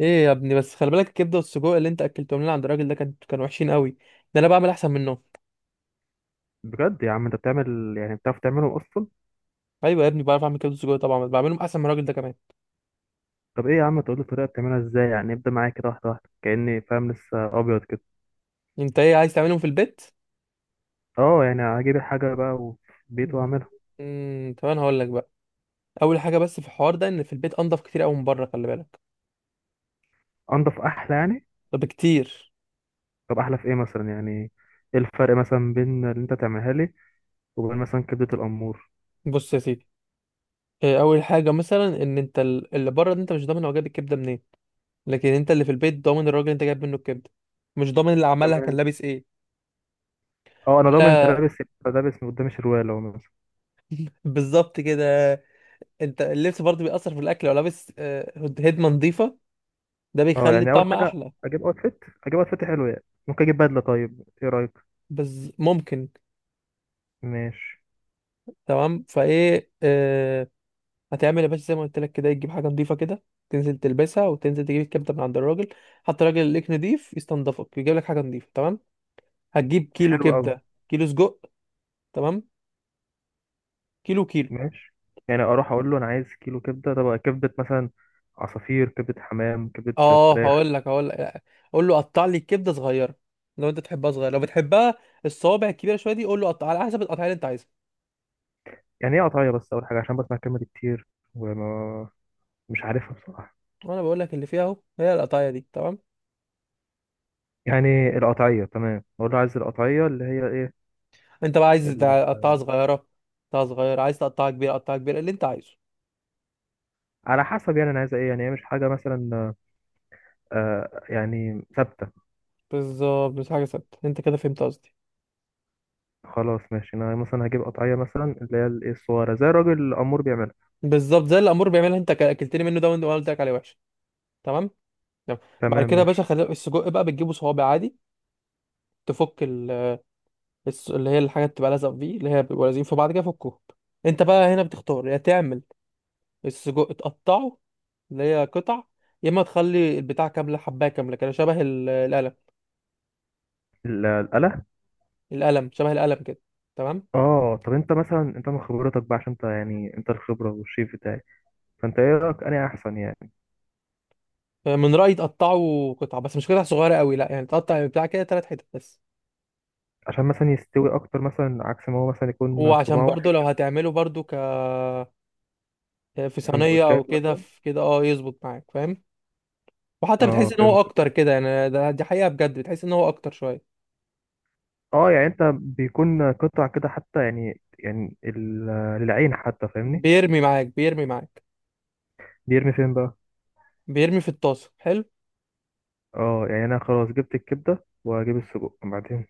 ايه يا ابني، بس خلي بالك الكبده والسجق اللي انت اكلتهم لنا عند الراجل ده كانوا وحشين قوي. ده انا بعمل احسن منهم. بجد يا عم، انت بتعمل؟ يعني بتعرف تعمله اصلا؟ ايوه يا ابني، بعرف اعمل كبده وسجق طبعا، بس بعملهم احسن من الراجل ده كمان. طب ايه يا عم، تقول لي الطريقه بتعملها ازاي؟ يعني ابدا معايا كده واحده واحده كاني فاهم لسه ابيض كده. انت ايه، عايز تعملهم في البيت؟ اه يعني هجيب الحاجه بقى وفي البيت واعملها. طب انا هقول لك بقى. اول حاجه بس في الحوار ده، ان في البيت انضف كتير قوي من بره، خلي بالك. انضف احلى يعني؟ طب كتير. طب احلى في ايه مثلا يعني؟ ايه الفرق مثلا بين اللي انت تعملها لي وبين مثلا كبده الامور؟ بص يا سيدي، إيه اول حاجه مثلا، ان انت اللي بره ده، انت مش ضامن هو جايب الكبده منين. لكن انت اللي في البيت ضامن الراجل اللي انت جايب منه الكبده. مش ضامن اللي عملها كان تمام. لابس ايه. اه انا ضامن انت ولا، لابس، يبقى لابس من قدام الشروال اهو مثلا. بالظبط كده. انت اللبس برضه بيأثر في الاكل، لو لابس هدمه نظيفه، ده اه بيخلي يعني اول الطعم حاجه احلى. اجيب اوتفيت حلو يعني، ممكن اجيب بدله؟ طيب ايه رايك؟ بس ممكن. ماشي. تمام فايه. هتعمل يا باشا زي ما قلت لك كده، تجيب حاجه نظيفه كده، تنزل تلبسها وتنزل تجيب الكبده من عند الراجل. حتى الراجل اللي ليك نضيف يستنضفك، يجيب لك حاجه نظيفه. تمام، هتجيب كيلو حلو قوي. كبده كيلو سجق. تمام، كيلو كيلو. ماشي. يعني اروح اقول له انا عايز كيلو كبده؟ طب كبده مثلا عصافير، كبده حمام، كبده اه فراخ؟ هقول لك هقول لك، قول له قطع لي الكبده صغيره لو انت تحبها صغيره. لو بتحبها الصوابع الكبيره شويه دي، قول له قطع على حسب القطعيه اللي انت عايزها. يعني ايه قطعيه بس؟ اول حاجه، عشان بسمع الكلمه دي كتير وما مش عارفها بصراحه. وانا بقول لك اللي فيها اهو، هي القطعيه دي. تمام، يعني القطعيه تمام؟ اقول له عايز القطعيه اللي هي ايه؟ انت بقى عايز ال... تقطعها صغيره تقطعها صغيره، عايز تقطعها كبيره قطعها كبيره، اللي انت عايزه. على حسب يعني انا عايز ايه؟ يعني هي مش حاجه مثلا يعني ثابته؟ بالظبط، مش حاجه ثابته، انت كده فهمت قصدي. خلاص ماشي، انا مثلا هجيب قطعيه مثلا اللي هي الايه الصغيره زي الراجل الامور بيعملها. بالظبط زي الامور بيعملها، انت اكلتني منه ده، وانا قلت لك عليه وحش. تمام. تمام. بعد تمام كده يا باشا، ماشي. خلي السجق بقى بتجيبه صوابع عادي، تفك ال... اللي هي الحاجه اللي بتبقى لازقه فيه، اللي هي بيبقوا لازقين في بعض كده، فكهم. انت بقى هنا بتختار يا تعمل السجق تقطعه، اللي هي قطع، يا اما تخلي البتاع كامله حبايه كامله كده، شبه القلم. ال- القلم. القلم، شبه القلم كده. تمام. اه طب انت مثلا، انت من خبرتك بقى عشان انت يعني انت الخبره والشيف بتاعي، فانت ايه رايك انهي احسن يعني؟ من رأيي تقطعه قطع، بس مش قطع صغيرة قوي، لا يعني تقطع بتاع كده تلات حتت بس. عشان مثلا يستوي اكتر مثلا، عكس ما هو مثلا يكون وعشان صباع برضو واحد لو كده. هتعمله برضو ك في صينية او سندوتشات كده، مثلا؟ في كده اه يظبط معاك، فاهم. وحتى اه بتحس ان هو فهمتك. اكتر كده، يعني ده دي حقيقة بجد، بتحس ان هو اكتر شوية. اه يعني انت بيكون قطع كده حتى، يعني ال- للعين حتى، فاهمني؟ بيرمي معاك بيرمي معاك. بيرمي فين بقى؟ بيرمي في الطاسة، حلو. اه يعني انا خلاص جبت الكبده واجيب السجق بعدين.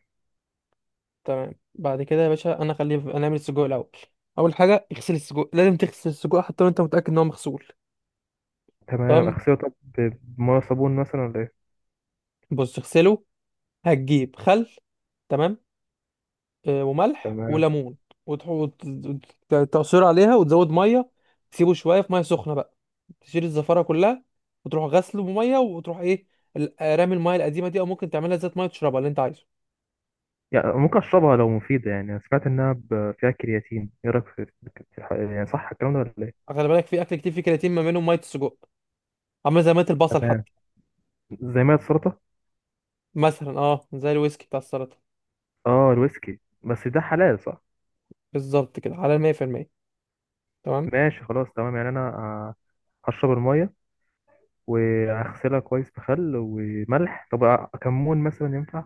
تمام. بعد كده يا باشا، انا خليه انا اعمل السجق الاول. اول حاجة اغسل السجق، لازم تغسل السجق حتى لو انت متأكد ان هو مغسول. تمام تمام. اغسله. طب ب- بميه صابون مثلا ولا ايه؟ بص اغسله، هتجيب خل، تمام، وملح تمام. وليمون، وتعصر عليها وتزود ميه. تسيبه شويه في ميه سخنه بقى، تشيل الزفاره كلها، وتروح غسله بميه وتروح ايه، رامي الميه القديمه دي، او ممكن تعملها زيت ميه تشربها، اللي انت عايزه. يعني ممكن اشربها لو مفيده؟ يعني انا سمعت انها ب- فيها كرياتين، ايه رايك في الح- يعني صح الكلام ده ولا ايه؟ خلي بالك، في اكل كتير فيه كرياتين، ما منهم ميه السجق. عامله زي ميه البصل تمام. حتى، زي ما السلطه. مثلا اه زي الويسكي بتاع السلطه. اه الويسكي، بس ده حلال صح؟ بالظبط كده، على 100%. تمام. ماشي خلاص تمام. يعني انا هشرب الميه واغسلها كويس بخل وملح. طب كمون مثلا ينفع؟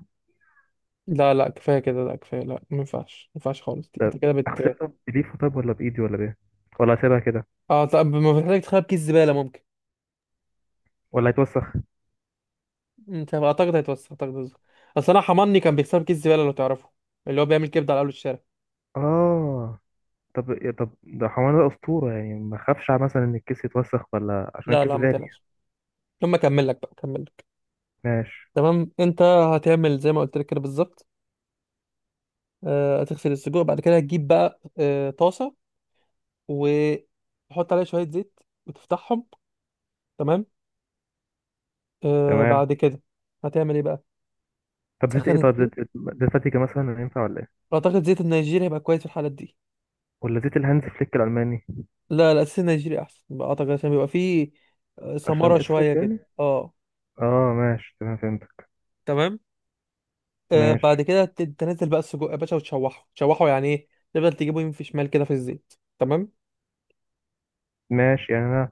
لا لا كفايه كده، لا كفايه، لا ما ينفعش ما ينفعش خالص دي. انت كده بت. اغسلها بليفه طب ولا بايدي ولا بايه؟ ولا اسيبها كده؟ اه طب ما بتحتاج، تخرب كيس زباله ممكن. ولا هيتوسخ؟ انت اعتقد هيتوسخ، اعتقد هيتوسخ. اصل انا حماني كان بيكسر كيس زباله لو تعرفه، اللي هو بيعمل كبده على اول الشارع. اه طب يا- طب ده حمار، ده اسطوره يعني. ما اخافش مثلا ان الكيس يتوسخ، ولا عشان لا الكيس لا ما غالي يعني؟ تقلقش، لما اكمل لك بقى اكمل لك. ماشي تمام، انت هتعمل زي ما قلت لك كده بالظبط. هتغسل السجق، بعد كده هتجيب بقى طاسه، وتحط عليها شويه زيت، وتفتحهم. تمام. تمام. بعد كده هتعمل ايه بقى؟ طب زيت ايه؟ تسخن طب الزيت. زيت إيه؟ زيت فاتيكا مثلا ينفع ولا ايه؟ اعتقد زيت النيجيري هيبقى كويس في الحالات دي. ولا زيت الهانز فليك الالماني؟ لا لا الزيت النيجيري احسن بقى، اعتقد عشان بيبقى فيه عشان ثمره شويه اسود كده، يعني؟ اه. اه ماشي تمام فهمتك. تمام. آه بعد ماشي. كده تنزل بقى السجق يا باشا وتشوحه. تشوحه يعني ايه؟ تفضل تجيبه يمين في شمال كده في الزيت. تمام. ماشي. يعني انا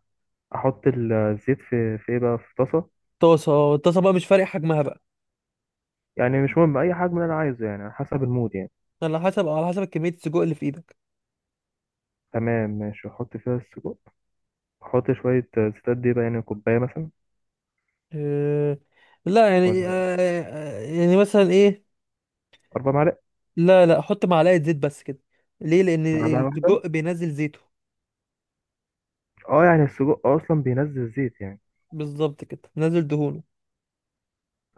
احط ال- الزيت في في ايه بقى، في طاسه؟ طاسه، الطاسه بقى مش فارق حجمها بقى. يعني مش مهم اي حجم، اللي انا عايزه يعني على حسب المود يعني؟ على حسب كميه السجق اللي في ايدك. تمام ماشي. احط فيها السجق. احط شويه زيت قد ايه بقى يعني، كوبايه مثلا؟ آه لا يعني ولا آه آه، يعني مثلا ايه، اربع معالق؟ لا لا حط معلقه زيت بس كده. ليه؟ لان معلقه واحده؟ السجق بينزل زيته. اه يعني السجق اصلا بينزل زيت يعني؟ بالظبط كده، بينزل دهونه.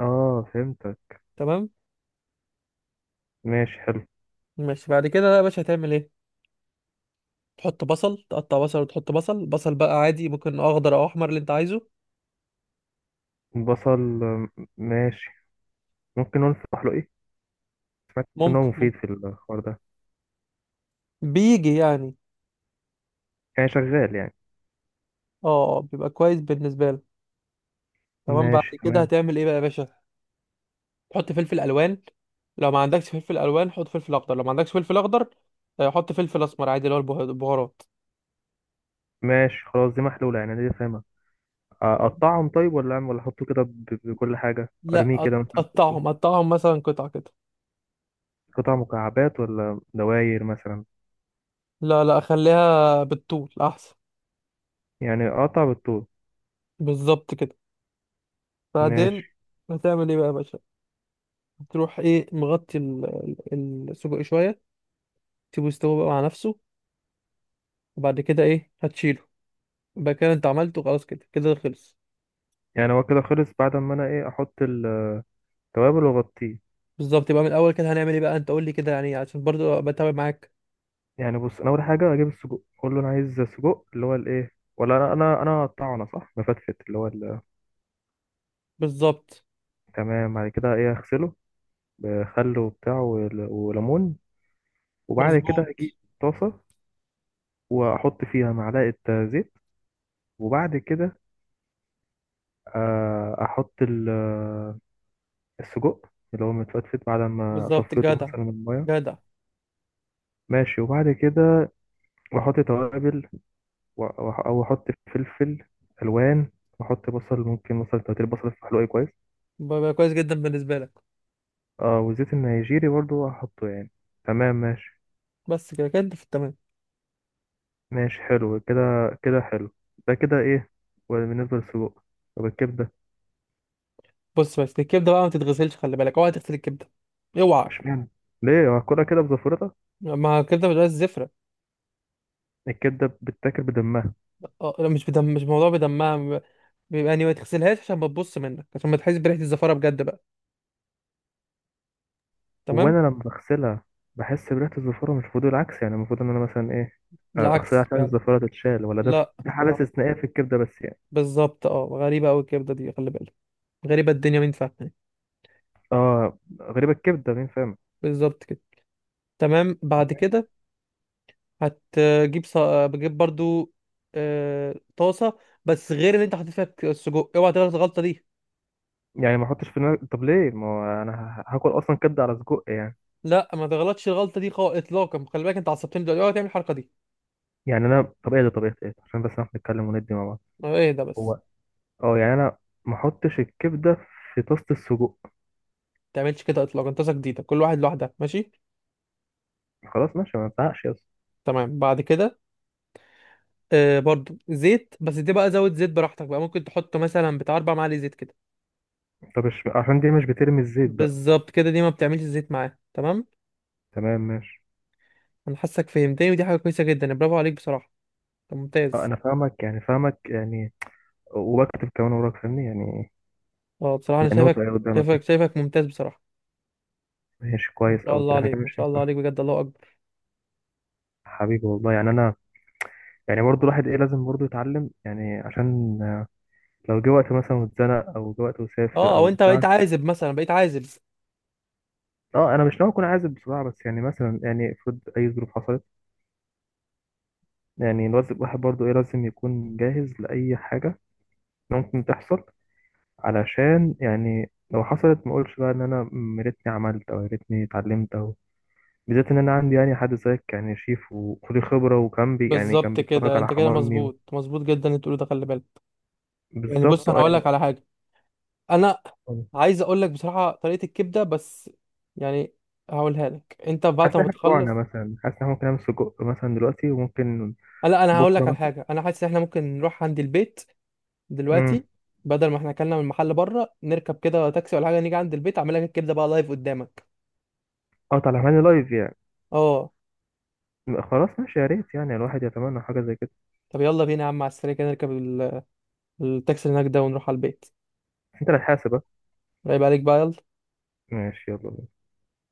اه فهمتك. تمام ماشي حلو. ماشي. بعد كده بقى يا باشا هتعمل ايه؟ تحط بصل، تقطع بصل وتحط بصل. بصل بقى عادي، ممكن اخضر او احمر، اللي انت عايزه. بصل ماشي. ممكن نقول في ايه، سمعت ان هو ممكن مفيد ممكن، في الحوار ده؟ بيجي يعني. يعني شغال يعني؟ اه بيبقى كويس بالنسبه لك. تمام، بعد ماشي كده تمام. هتعمل ايه بقى يا باشا؟ تحط فلفل الوان، لو ما عندكش فلفل الوان حط فلفل اخضر، لو ما عندكش فلفل اخضر حط فلفل اسمر عادي، اللي هو البهارات. ماشي خلاص دي محلوله، يعني دي فاهمها. تمام؟ اقطعهم طيب؟ ولا اعمل ولا احطه كده ب- بكل حاجه لا ارميه كده مثلا؟ قطعهم، قطعهم مثلا قطع كده. قطع مكعبات ولا دواير مثلا؟ لا لا خليها بالطول احسن. يعني اقطع بالطول؟ بالظبط كده. ماشي. بعدين هتعمل ايه بقى يا باشا؟ هتروح ايه مغطي السجق شويه، تسيبه يستوي بقى مع نفسه، وبعد كده ايه هتشيله. يبقى كده انت عملته، خلاص كده كده خلص. يعني هو كده خلص بعد ما انا ايه، احط التوابل واغطيه؟ بالظبط، يبقى من الاول كده هنعمل ايه بقى؟ انت قول لي كده يعني، عشان برضو بتابع معاك. يعني بص، انا اول حاجه اجيب السجق، اقول له انا عايز سجق اللي هو الايه، ولا انا اقطعه انا صح، مفتفت اللي هو ال-. بالظبط تمام. بعد كده ايه، اغسله بخل وبتاع ول- وليمون. وبعد كده مظبوط. اجيب طاسه واحط فيها معلقه زيت. وبعد كده احط ال السجق اللي هو متفتفت بعد ما بالظبط، صفيته جدع مثلا من الميه. جدع. ماشي. وبعد كده بحط توابل او احط فلفل الوان، واحط بصل، ممكن مثلا تلاتين بصل في حلوقي كويس. بقى كويس جدا بالنسبه لك. اه والزيت النيجيري برضو هحطه يعني. تمام ماشي. بس كده كده انت في التمام. ماشي حلو كده. كده حلو. ده كده ايه؟ وبالنسبه للسجق. طب الكبده؟ بص، بس الكبده بقى ما تتغسلش، خلي بالك اوعى تغسل الكبده، اوعى. اشمعنى؟ ليه، هاكلها كده بزفرتها؟ ما الكبده بتبقى زفره. الكبده بتتاكل بدمها؟ اه لا، مش بدم، مش موضوع بدمها. بيبقى بيبقى يعني، ما تغسلهاش عشان ما تبص منك، عشان ما تحس بريحه الزفاره بجد بقى. تمام. وانا لما بغسلها بحس بريحه الزفاره، مش المفروض العكس؟ يعني المفروض ان انا مثلا ايه، اغسلها العكس عشان فعلا. الزفاره تتشال؟ ولا ده لا، ده حاله العكس. استثنائيه في الكبده بس يعني؟ بالظبط، اه غريبه قوي الكبده دي خلي بالك. غريبه الدنيا مين فاهمه. اه غريبه الكبده، مين فاهم. بالظبط كده. تمام بعد كده هتجيب بجيب برضو طاسه، بس غير اللي انت حاطط فيها السجق، اوعى تغلط الغلطه دي. يعني ما احطش في دماغي. طب ليه، ما هو انا ه- هاكل اصلا كبده على سجق يعني؟ لا ما تغلطش الغلطه دي خالص اطلاقا، خلي بالك انت عصبتني دلوقتي، اوعى تعمل الحركه دي. يعني انا طب ايه ده؟ طبيعه ايه ده؟ عشان بس نعرف نتكلم وندي مع بعض. اه، ايه ده بس؟ هو. اه يعني انا ما احطش الكبده في طاسه السجق. ما تعملش كده اطلاقا، طاسه جديده، كل واحد لوحدها، ماشي. خلاص ماشي، ما ازعقش يا اسطى. تمام بعد كده برضو زيت، بس دي بقى زود زيت براحتك بقى، ممكن تحط مثلا بتاع اربع معالق زيت كده. طب مش عشان دي مش بترمي الزيت بقى؟ بالظبط كده، دي ما بتعملش زيت معاه. تمام. تمام ماشي. انا حاسك فهمتني، ودي حاجه كويسه جدا، برافو عليك بصراحه. طب اه ممتاز. انا فاهمك يعني، فاهمك يعني، وبكتب كمان وراك، فاهمني يعني؟ اه بصراحه انا منوط شايفك، ايه شايفك قدامك. شايفك ممتاز بصراحه. ماشي ما كويس شاء او الله كده، احنا كده عليك، ما مش شاء الله هينفع. عليك بجد، الله اكبر. حبيبي والله. يعني انا يعني برضو الواحد ايه، لازم برضو يتعلم يعني. عشان لو جه وقت مثلا واتزنق، او جه وقت وسافر اه، او او انت بتاع. بقيت عازب مثلا، بقيت عازب. اه انا مش ناوي اكون عازب بصراحه، بس يعني مثلا يعني افرض اي ظروف حصلت، يعني الواحد برضو ايه، لازم يكون جاهز لاي حاجه ممكن تحصل. علشان يعني لو حصلت ما اقولش بقى ان انا يا ريتني عملت، او يا ريتني اتعلمت، او بالذات ان انا عندي يعني حد زيك، يعني شيف وخد الخبره، وكان بي يعني كان بالظبط بيتفرج كده، على انت كده حمامي و... مظبوط، مظبوط جدا اللي بتقوله ده، خلي بالك. يعني بص بالظبط. انا اه هقول يعني لك على حاجه. انا عايز اقول لك بصراحه طريقه الكبده، بس يعني هقولها لك انت حاسس بعد ان ما احنا بتخلص. جوعنا مثلا، حاسس ان احنا ممكن نعمل سجق مثلا دلوقتي وممكن لا انا هقول بكره لك على مثلا؟ حاجه، انا حاسس ان احنا ممكن نروح عند البيت امم. دلوقتي، بدل ما احنا اكلنا من المحل بره، نركب كده تاكسي ولا حاجه، نيجي عند البيت اعمل لك الكبده بقى لايف قدامك. اه طالع معانا لايف يعني؟ اه. خلاص ماشي، يا ريت يعني. الواحد يتمنى حاجه زي كده. طب يلا بينا يا عم، على السريع كده نركب التاكسي اللي هناك ده، ونروح على البيت. انت اللي هتحاسب، اه. رايب عليك بقى، يلا. ماشي يلا.